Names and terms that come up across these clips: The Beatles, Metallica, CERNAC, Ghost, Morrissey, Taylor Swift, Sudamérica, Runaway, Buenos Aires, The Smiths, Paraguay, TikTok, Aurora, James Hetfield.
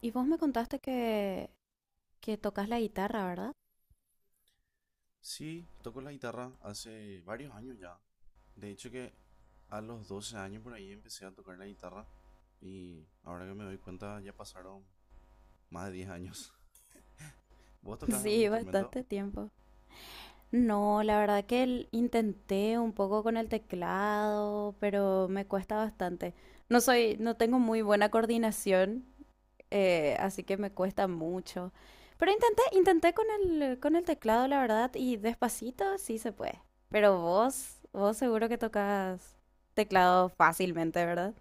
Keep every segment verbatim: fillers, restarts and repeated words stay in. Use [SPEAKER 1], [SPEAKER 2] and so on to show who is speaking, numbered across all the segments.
[SPEAKER 1] Y vos me contaste que, que tocas la guitarra, ¿verdad?
[SPEAKER 2] Sí, toco la guitarra hace varios años ya. De hecho que a los doce años por ahí empecé a tocar la guitarra y ahora que me doy cuenta ya pasaron más de diez años. ¿Vos tocás algún
[SPEAKER 1] Sí,
[SPEAKER 2] instrumento?
[SPEAKER 1] bastante tiempo. No, la verdad que el- intenté un poco con el teclado, pero me cuesta bastante. No soy, no tengo muy buena coordinación, eh, así que me cuesta mucho. Pero intenté, intenté con el, con el teclado, la verdad, y despacito sí se puede. Pero vos, vos seguro que tocas teclado fácilmente, ¿verdad?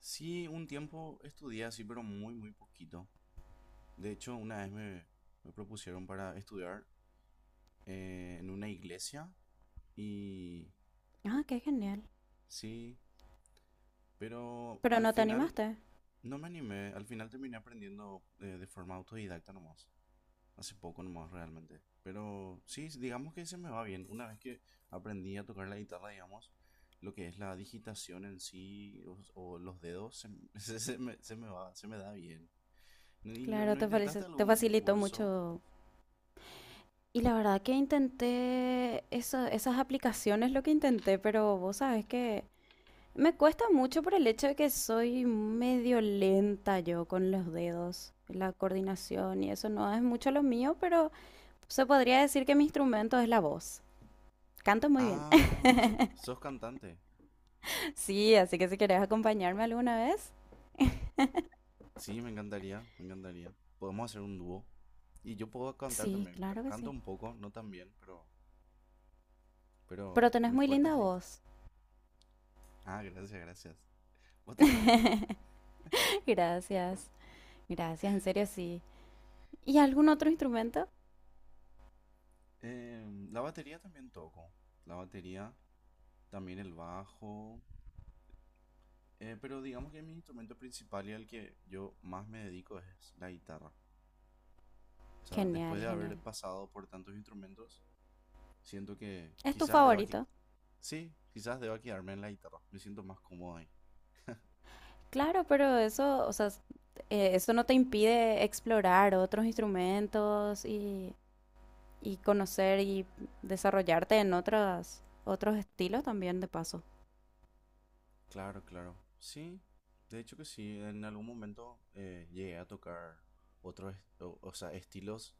[SPEAKER 2] Sí, un tiempo estudié así, pero muy, muy poquito. De hecho, una vez me, me propusieron para estudiar eh, en una iglesia y
[SPEAKER 1] Ah, qué genial.
[SPEAKER 2] sí, pero
[SPEAKER 1] Pero
[SPEAKER 2] al
[SPEAKER 1] no te
[SPEAKER 2] final
[SPEAKER 1] animaste.
[SPEAKER 2] no me animé, al final terminé aprendiendo eh, de forma autodidacta nomás. Hace poco nomás realmente. Pero sí, digamos que se me va bien. Una vez que aprendí a tocar la guitarra, digamos, lo que es la digitación en sí o, o los dedos, se, se, se me, se me va, se me da bien. ¿Y no,
[SPEAKER 1] Claro,
[SPEAKER 2] no
[SPEAKER 1] te, falice-
[SPEAKER 2] intentaste
[SPEAKER 1] te
[SPEAKER 2] algún
[SPEAKER 1] facilitó
[SPEAKER 2] curso?
[SPEAKER 1] mucho. Y la verdad que intenté eso- esas aplicaciones, lo que intenté, pero vos sabes que me cuesta mucho por el hecho de que soy medio lenta yo con los dedos, la coordinación y eso no es mucho lo mío, pero se podría decir que mi instrumento es la voz. Canto muy bien.
[SPEAKER 2] Ah, so- sos cantante.
[SPEAKER 1] Sí, así que si querés acompañarme alguna vez.
[SPEAKER 2] Sí, me encantaría, me encantaría. Podemos hacer un dúo. Y yo puedo cantar
[SPEAKER 1] Sí,
[SPEAKER 2] también. ca-
[SPEAKER 1] claro que
[SPEAKER 2] Canto
[SPEAKER 1] sí.
[SPEAKER 2] un poco, no tan bien, pero, pero
[SPEAKER 1] Pero tenés
[SPEAKER 2] mi
[SPEAKER 1] muy
[SPEAKER 2] fuerte es
[SPEAKER 1] linda
[SPEAKER 2] la guitarra.
[SPEAKER 1] voz.
[SPEAKER 2] Ah, gracias, gracias. Vos también.
[SPEAKER 1] Gracias. Gracias, en serio sí. ¿Y algún otro instrumento?
[SPEAKER 2] Em, la batería también toco. La batería, también el bajo. Eh, pero digamos que mi instrumento principal y al que yo más me dedico es la guitarra. O sea,
[SPEAKER 1] Genial,
[SPEAKER 2] después de haber
[SPEAKER 1] genial.
[SPEAKER 2] pasado por tantos instrumentos, siento que
[SPEAKER 1] ¿Es tu
[SPEAKER 2] quizás deba que...
[SPEAKER 1] favorito?
[SPEAKER 2] Sí, quizás deba quedarme en la guitarra. Me siento más cómodo ahí.
[SPEAKER 1] Claro, pero eso, o sea, s- eh, eso no te impide explorar otros instrumentos y, y conocer y desarrollarte en otras, otros estilos también de paso.
[SPEAKER 2] Claro, claro. Sí, de hecho que sí, en algún momento eh, llegué a tocar otros, est- o, o sea, estilos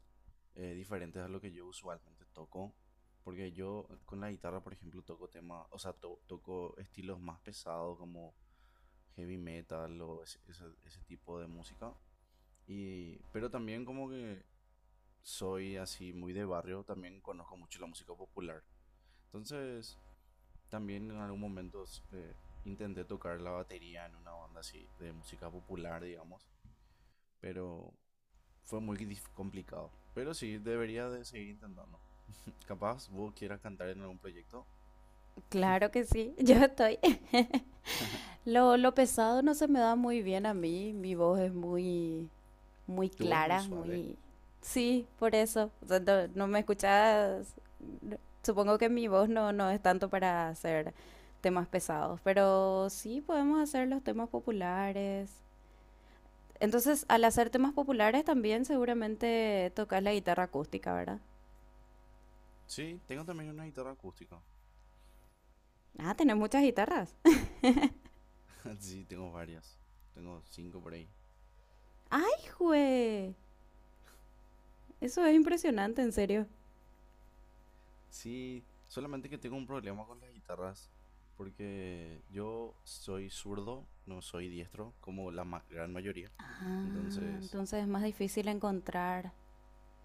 [SPEAKER 2] eh, diferentes a lo que yo usualmente toco, porque yo con la guitarra, por ejemplo, toco temas, o sea, to- toco estilos más pesados como heavy metal o ese, ese- ese tipo de música, y, pero también como que soy así muy de barrio, también conozco mucho la música popular. Entonces... También en algún momento eh, intenté tocar la batería en una banda así de música popular, digamos, pero fue muy dif- complicado. Pero sí, debería de seguir intentando. Capaz vos quieras cantar en algún proyecto.
[SPEAKER 1] Claro que sí, yo estoy. Lo, lo pesado no se me da muy bien a mí, mi voz es muy, muy
[SPEAKER 2] Tu voz es muy
[SPEAKER 1] clara,
[SPEAKER 2] suave.
[SPEAKER 1] muy... Sí, por eso. O sea, no, no me escuchas... Supongo que mi voz no, no es tanto para hacer temas pesados, pero sí podemos hacer los temas populares. Entonces, al hacer temas populares también seguramente tocas la guitarra acústica, ¿verdad?
[SPEAKER 2] Sí, tengo también una guitarra acústica.
[SPEAKER 1] Ah, tenés muchas guitarras.
[SPEAKER 2] Sí, tengo varias. Tengo cinco por ahí.
[SPEAKER 1] ¡Ay, jue! Eso es impresionante, en serio.
[SPEAKER 2] Sí, solamente que tengo un problema con las guitarras. Porque yo soy zurdo, no soy diestro, como la ma- gran mayoría.
[SPEAKER 1] Ah,
[SPEAKER 2] Entonces,
[SPEAKER 1] entonces es más difícil encontrar.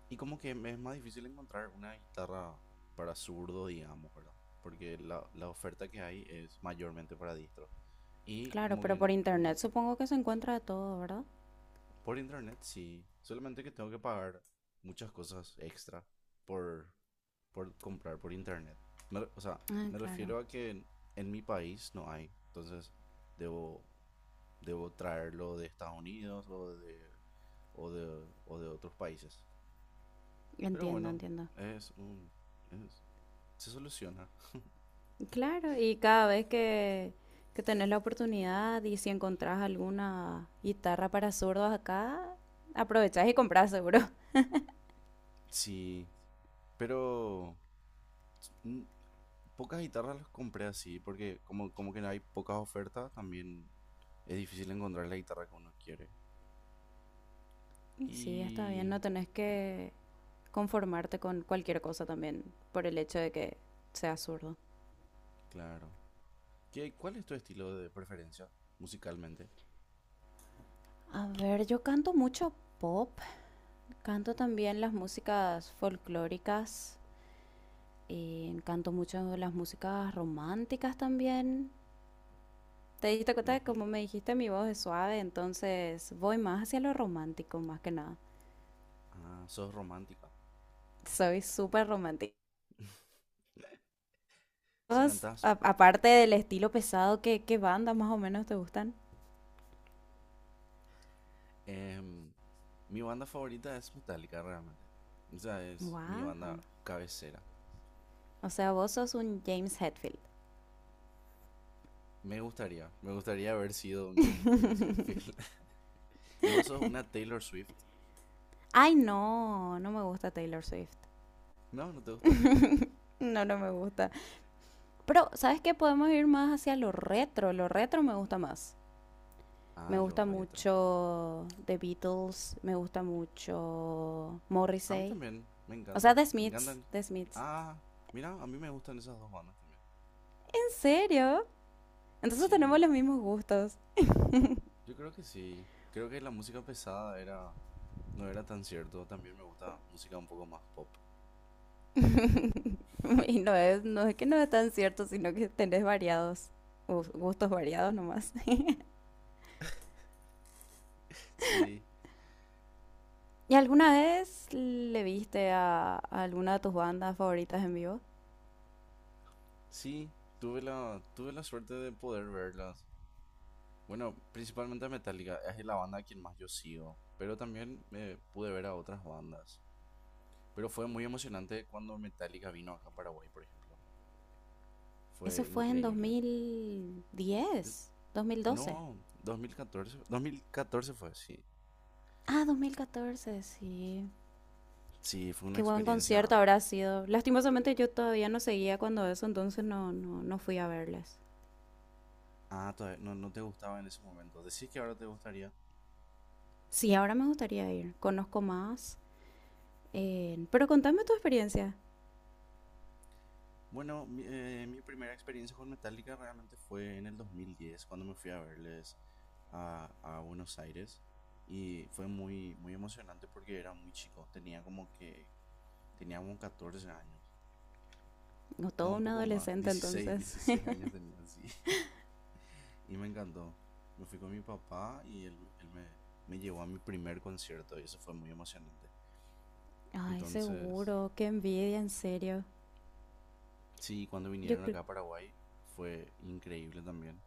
[SPEAKER 2] y como que me es más difícil encontrar una guitarra para zurdo, digamos, ¿verdad? Porque la, la oferta que hay es mayormente para diestro. Y
[SPEAKER 1] Claro,
[SPEAKER 2] como que
[SPEAKER 1] pero por
[SPEAKER 2] en- como
[SPEAKER 1] internet supongo que se encuentra de todo, ¿verdad?
[SPEAKER 2] por internet sí, solamente que tengo que pagar muchas cosas extra por, por comprar por internet. Me re- o sea,
[SPEAKER 1] Ah,
[SPEAKER 2] me
[SPEAKER 1] claro.
[SPEAKER 2] refiero a que en, en mi país no hay, entonces debo, debo traerlo de Estados Unidos o de, o de, o de otros países. Pero
[SPEAKER 1] Entiendo,
[SPEAKER 2] bueno,
[SPEAKER 1] entiendo.
[SPEAKER 2] es un, es, se soluciona.
[SPEAKER 1] Claro, y cada vez que, que tenés la oportunidad y si encontrás alguna guitarra para zurdos acá, aprovechás y comprás seguro.
[SPEAKER 2] Sí, pero mm, pocas guitarras las compré así, porque como, como que no hay pocas ofertas, también es difícil encontrar la guitarra que uno quiere.
[SPEAKER 1] Y sí, está bien,
[SPEAKER 2] Y
[SPEAKER 1] no tenés que conformarte con cualquier cosa también por el hecho de que seas zurdo.
[SPEAKER 2] claro. ¿Qué, cuál es tu estilo de preferencia musicalmente?
[SPEAKER 1] A ver, yo canto mucho pop, canto también las músicas folclóricas, y canto mucho las músicas románticas también. Te diste cuenta de
[SPEAKER 2] Ujú.
[SPEAKER 1] cómo me dijiste, mi voz es suave, entonces voy más hacia lo romántico, más que nada.
[SPEAKER 2] Ah, sos romántica.
[SPEAKER 1] Soy súper romántica.
[SPEAKER 2] Si
[SPEAKER 1] ¿Vos,
[SPEAKER 2] cantás.
[SPEAKER 1] a- aparte del estilo pesado, ¿qué, qué bandas más o menos te gustan?
[SPEAKER 2] Em, Mi banda favorita es Metallica, realmente. O sea, es mi
[SPEAKER 1] Wow.
[SPEAKER 2] banda cabecera.
[SPEAKER 1] O sea, vos sos un James Hetfield.
[SPEAKER 2] Me gustaría, me gustaría haber sido un James James Hetfield. ¿Y vos sos una Taylor Swift?
[SPEAKER 1] Ay, no, no me gusta Taylor Swift.
[SPEAKER 2] No, no te gusta.
[SPEAKER 1] No, no me gusta. Pero, ¿sabes qué? Podemos ir más hacia lo retro. Lo retro me gusta más. Me
[SPEAKER 2] Ah, lo
[SPEAKER 1] gusta
[SPEAKER 2] retro.
[SPEAKER 1] mucho The Beatles, me gusta mucho
[SPEAKER 2] A mí
[SPEAKER 1] Morrissey.
[SPEAKER 2] también, me
[SPEAKER 1] O sea,
[SPEAKER 2] encanta.
[SPEAKER 1] The
[SPEAKER 2] Me
[SPEAKER 1] Smiths,
[SPEAKER 2] encantan.
[SPEAKER 1] The Smiths.
[SPEAKER 2] Ah, mira, a mí me gustan esas dos bandas también.
[SPEAKER 1] ¿En serio? Entonces tenemos
[SPEAKER 2] Sí,
[SPEAKER 1] los mismos gustos.
[SPEAKER 2] yo creo que sí. Creo que la música pesada era no era tan cierto. También me gusta música un poco más pop.
[SPEAKER 1] Y no es, no es que no es tan cierto, sino que tenés variados. gus- Gustos variados nomás.
[SPEAKER 2] Sí,
[SPEAKER 1] ¿Y alguna vez le viste a, a alguna de tus bandas favoritas en vivo?
[SPEAKER 2] sí, tuve la tuve la suerte de poder verlas. Bueno, principalmente a Metallica, es la banda a quien más yo sigo, pero también me pude ver a otras bandas. Pero fue muy emocionante cuando Metallica vino acá a Paraguay, por ejemplo.
[SPEAKER 1] Eso
[SPEAKER 2] Fue
[SPEAKER 1] fue en
[SPEAKER 2] increíble. Es-
[SPEAKER 1] dos mil diez,
[SPEAKER 2] no,
[SPEAKER 1] dos mil doce.
[SPEAKER 2] dos mil catorce, dos mil catorce fue, sí.
[SPEAKER 1] Ah, dos mil catorce, sí.
[SPEAKER 2] Sí, fue una
[SPEAKER 1] Qué buen
[SPEAKER 2] experiencia.
[SPEAKER 1] concierto habrá sido. Lastimosamente yo todavía no seguía cuando eso, entonces no, no, no fui a verles.
[SPEAKER 2] Ah, todavía no, no te gustaba en ese momento. Decís que ahora te gustaría.
[SPEAKER 1] Sí, ahora me gustaría ir. Conozco más. Eh, pero contame tu experiencia.
[SPEAKER 2] Bueno, mi, eh, mi primera experiencia con Metallica realmente fue en el dos mil diez, cuando me fui a verles a, a Buenos Aires. Y fue muy, muy emocionante porque era muy chico. Tenía como que, tenía como catorce años.
[SPEAKER 1] No,
[SPEAKER 2] No,
[SPEAKER 1] todo
[SPEAKER 2] un
[SPEAKER 1] un
[SPEAKER 2] poco más.
[SPEAKER 1] adolescente
[SPEAKER 2] dieciséis,
[SPEAKER 1] entonces.
[SPEAKER 2] dieciséis años tenía, sí. Y me encantó. Me fui con mi papá y él, él me, me llevó a mi primer concierto y eso fue muy emocionante.
[SPEAKER 1] Ay,
[SPEAKER 2] Entonces,
[SPEAKER 1] seguro, qué envidia, en serio.
[SPEAKER 2] sí, cuando
[SPEAKER 1] Yo
[SPEAKER 2] vinieron
[SPEAKER 1] creo...
[SPEAKER 2] acá a Paraguay fue increíble también.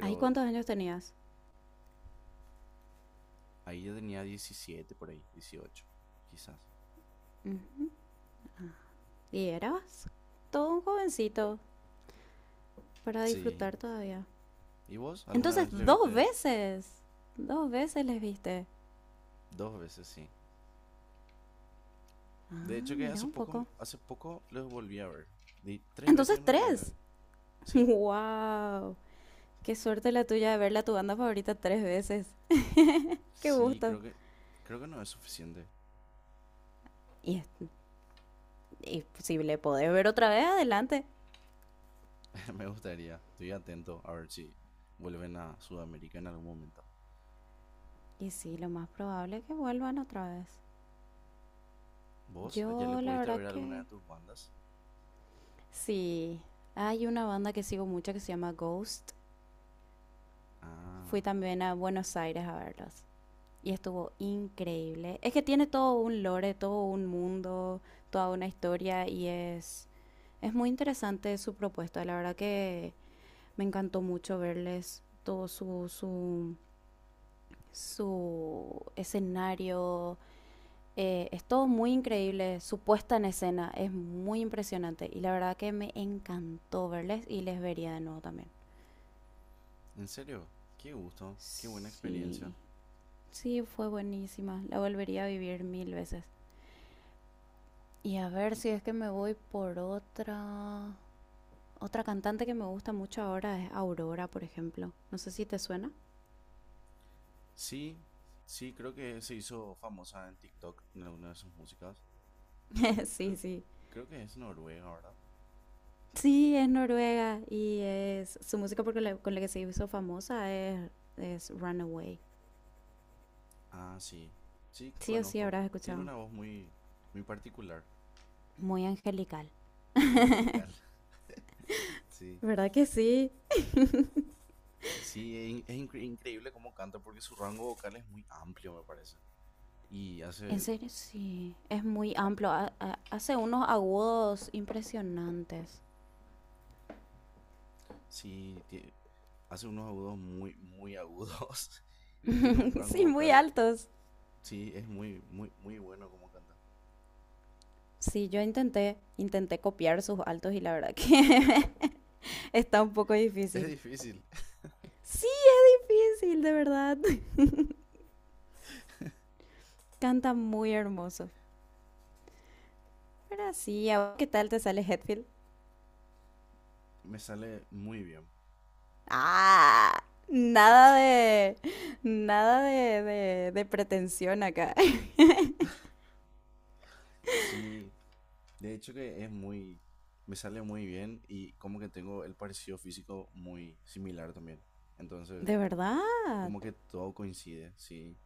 [SPEAKER 1] Ay, ¿cuántos años tenías?
[SPEAKER 2] ahí yo tenía diecisiete por ahí, dieciocho quizás.
[SPEAKER 1] Ujú. ¿Y eras? Todo un jovencito para
[SPEAKER 2] Sí.
[SPEAKER 1] disfrutar todavía.
[SPEAKER 2] ¿Y vos alguna
[SPEAKER 1] Entonces,
[SPEAKER 2] vez le
[SPEAKER 1] dos
[SPEAKER 2] viste
[SPEAKER 1] veces. Dos veces les viste.
[SPEAKER 2] dos veces, sí? De
[SPEAKER 1] Ah,
[SPEAKER 2] hecho que
[SPEAKER 1] mira
[SPEAKER 2] hace
[SPEAKER 1] un
[SPEAKER 2] poco,
[SPEAKER 1] poco.
[SPEAKER 2] hace poco los volví a ver. Di- tres veces
[SPEAKER 1] Entonces,
[SPEAKER 2] en realidad le
[SPEAKER 1] tres.
[SPEAKER 2] vi. Sí.
[SPEAKER 1] ¡Wow! Qué suerte la tuya de verla a tu banda favorita tres veces. ¡Qué
[SPEAKER 2] Sí,
[SPEAKER 1] gusto!
[SPEAKER 2] creo que, creo que no es suficiente.
[SPEAKER 1] Y, es- y si le podés ver otra vez, adelante.
[SPEAKER 2] Me gustaría. Estoy atento a ver si vuelven a Sudamérica en algún momento.
[SPEAKER 1] Y sí, lo más probable es que vuelvan otra vez.
[SPEAKER 2] ¿Vos ya le
[SPEAKER 1] Yo la
[SPEAKER 2] pudiste
[SPEAKER 1] verdad
[SPEAKER 2] ver alguna de
[SPEAKER 1] que
[SPEAKER 2] tus bandas?
[SPEAKER 1] sí. Hay una banda que sigo mucho que se llama Ghost. Fui
[SPEAKER 2] Ah,
[SPEAKER 1] también a Buenos Aires a verlos. Y estuvo increíble. Es que tiene todo un lore, todo un mundo, toda una historia y es, es muy interesante su propuesta. La verdad que me encantó mucho verles todo su, su, su escenario. Eh, es todo muy increíble, su puesta en escena es muy impresionante y la verdad que me encantó verles y les vería de nuevo también.
[SPEAKER 2] ¿en serio? Qué gusto, qué buena
[SPEAKER 1] Sí,
[SPEAKER 2] experiencia.
[SPEAKER 1] sí, fue buenísima, la volvería a vivir mil veces. Y a ver
[SPEAKER 2] Mm,
[SPEAKER 1] si es que me voy por otra... Otra cantante que me gusta mucho ahora es Aurora, por ejemplo. No sé si te suena.
[SPEAKER 2] Sí, sí, creo que se hizo famosa en TikTok en alguna de sus músicas.
[SPEAKER 1] Sí,
[SPEAKER 2] Creo,
[SPEAKER 1] sí.
[SPEAKER 2] creo que es noruega, ¿verdad?
[SPEAKER 1] Sí, es noruega y es su música porque la- con la que se hizo famosa es, es Runaway.
[SPEAKER 2] Ah, sí, sí,
[SPEAKER 1] Sí o sí
[SPEAKER 2] conozco.
[SPEAKER 1] habrás
[SPEAKER 2] Tiene
[SPEAKER 1] escuchado.
[SPEAKER 2] una voz muy, muy particular,
[SPEAKER 1] Muy angelical.
[SPEAKER 2] muy angelical. Sí,
[SPEAKER 1] ¿Verdad que sí?
[SPEAKER 2] sí, es, in- es incre- increíble cómo canta porque su rango vocal es muy amplio, me parece. y
[SPEAKER 1] En
[SPEAKER 2] hace,
[SPEAKER 1] serio, sí. Es muy
[SPEAKER 2] ah,
[SPEAKER 1] amplio. Ha- ha- hace unos agudos impresionantes.
[SPEAKER 2] sí, tie- hace unos agudos muy, muy agudos y tiene un rango
[SPEAKER 1] Sí, muy
[SPEAKER 2] vocal,
[SPEAKER 1] altos.
[SPEAKER 2] sí, es muy, muy, muy bueno como canta.
[SPEAKER 1] Sí, yo intenté, intenté copiar sus altos y la verdad que está un poco
[SPEAKER 2] Es
[SPEAKER 1] difícil.
[SPEAKER 2] difícil,
[SPEAKER 1] Sí, es difícil, de verdad. Canta muy hermoso. Pero sí, ¿a vos qué tal te sale Hetfield?
[SPEAKER 2] me sale muy bien.
[SPEAKER 1] Ah, nada de, nada de, de, de pretensión acá.
[SPEAKER 2] Sí, de hecho que es muy, me sale muy bien y como que tengo el parecido físico muy similar también. Entonces,
[SPEAKER 1] De verdad.
[SPEAKER 2] como que todo coincide, sí.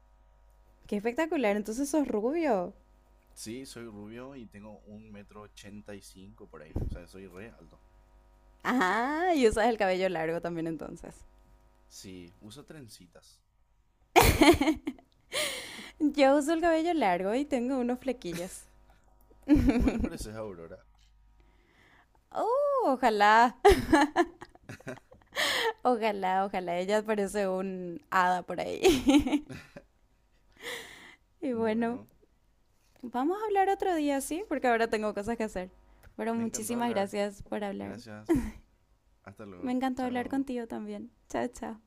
[SPEAKER 1] Qué espectacular, entonces sos rubio.
[SPEAKER 2] Sí, soy rubio y tengo un metro ochenta y cinco por ahí. O sea, soy re alto.
[SPEAKER 1] Ah, y usas el cabello largo también entonces.
[SPEAKER 2] Sí, uso trencitas. ¿Y vos?
[SPEAKER 1] Yo uso el cabello largo y tengo unos flequillos.
[SPEAKER 2] Vos le pareces a Aurora.
[SPEAKER 1] Oh, ojalá, ojalá, ojalá. Ella parece un hada por ahí. Y bueno,
[SPEAKER 2] Bueno,
[SPEAKER 1] vamos a hablar otro día, ¿sí? Porque ahora tengo cosas que hacer. Pero
[SPEAKER 2] me encantó
[SPEAKER 1] muchísimas
[SPEAKER 2] hablar.
[SPEAKER 1] gracias por hablar.
[SPEAKER 2] Gracias. Hasta
[SPEAKER 1] Me
[SPEAKER 2] luego.
[SPEAKER 1] encantó hablar
[SPEAKER 2] Chao.
[SPEAKER 1] contigo también. Chao, chao.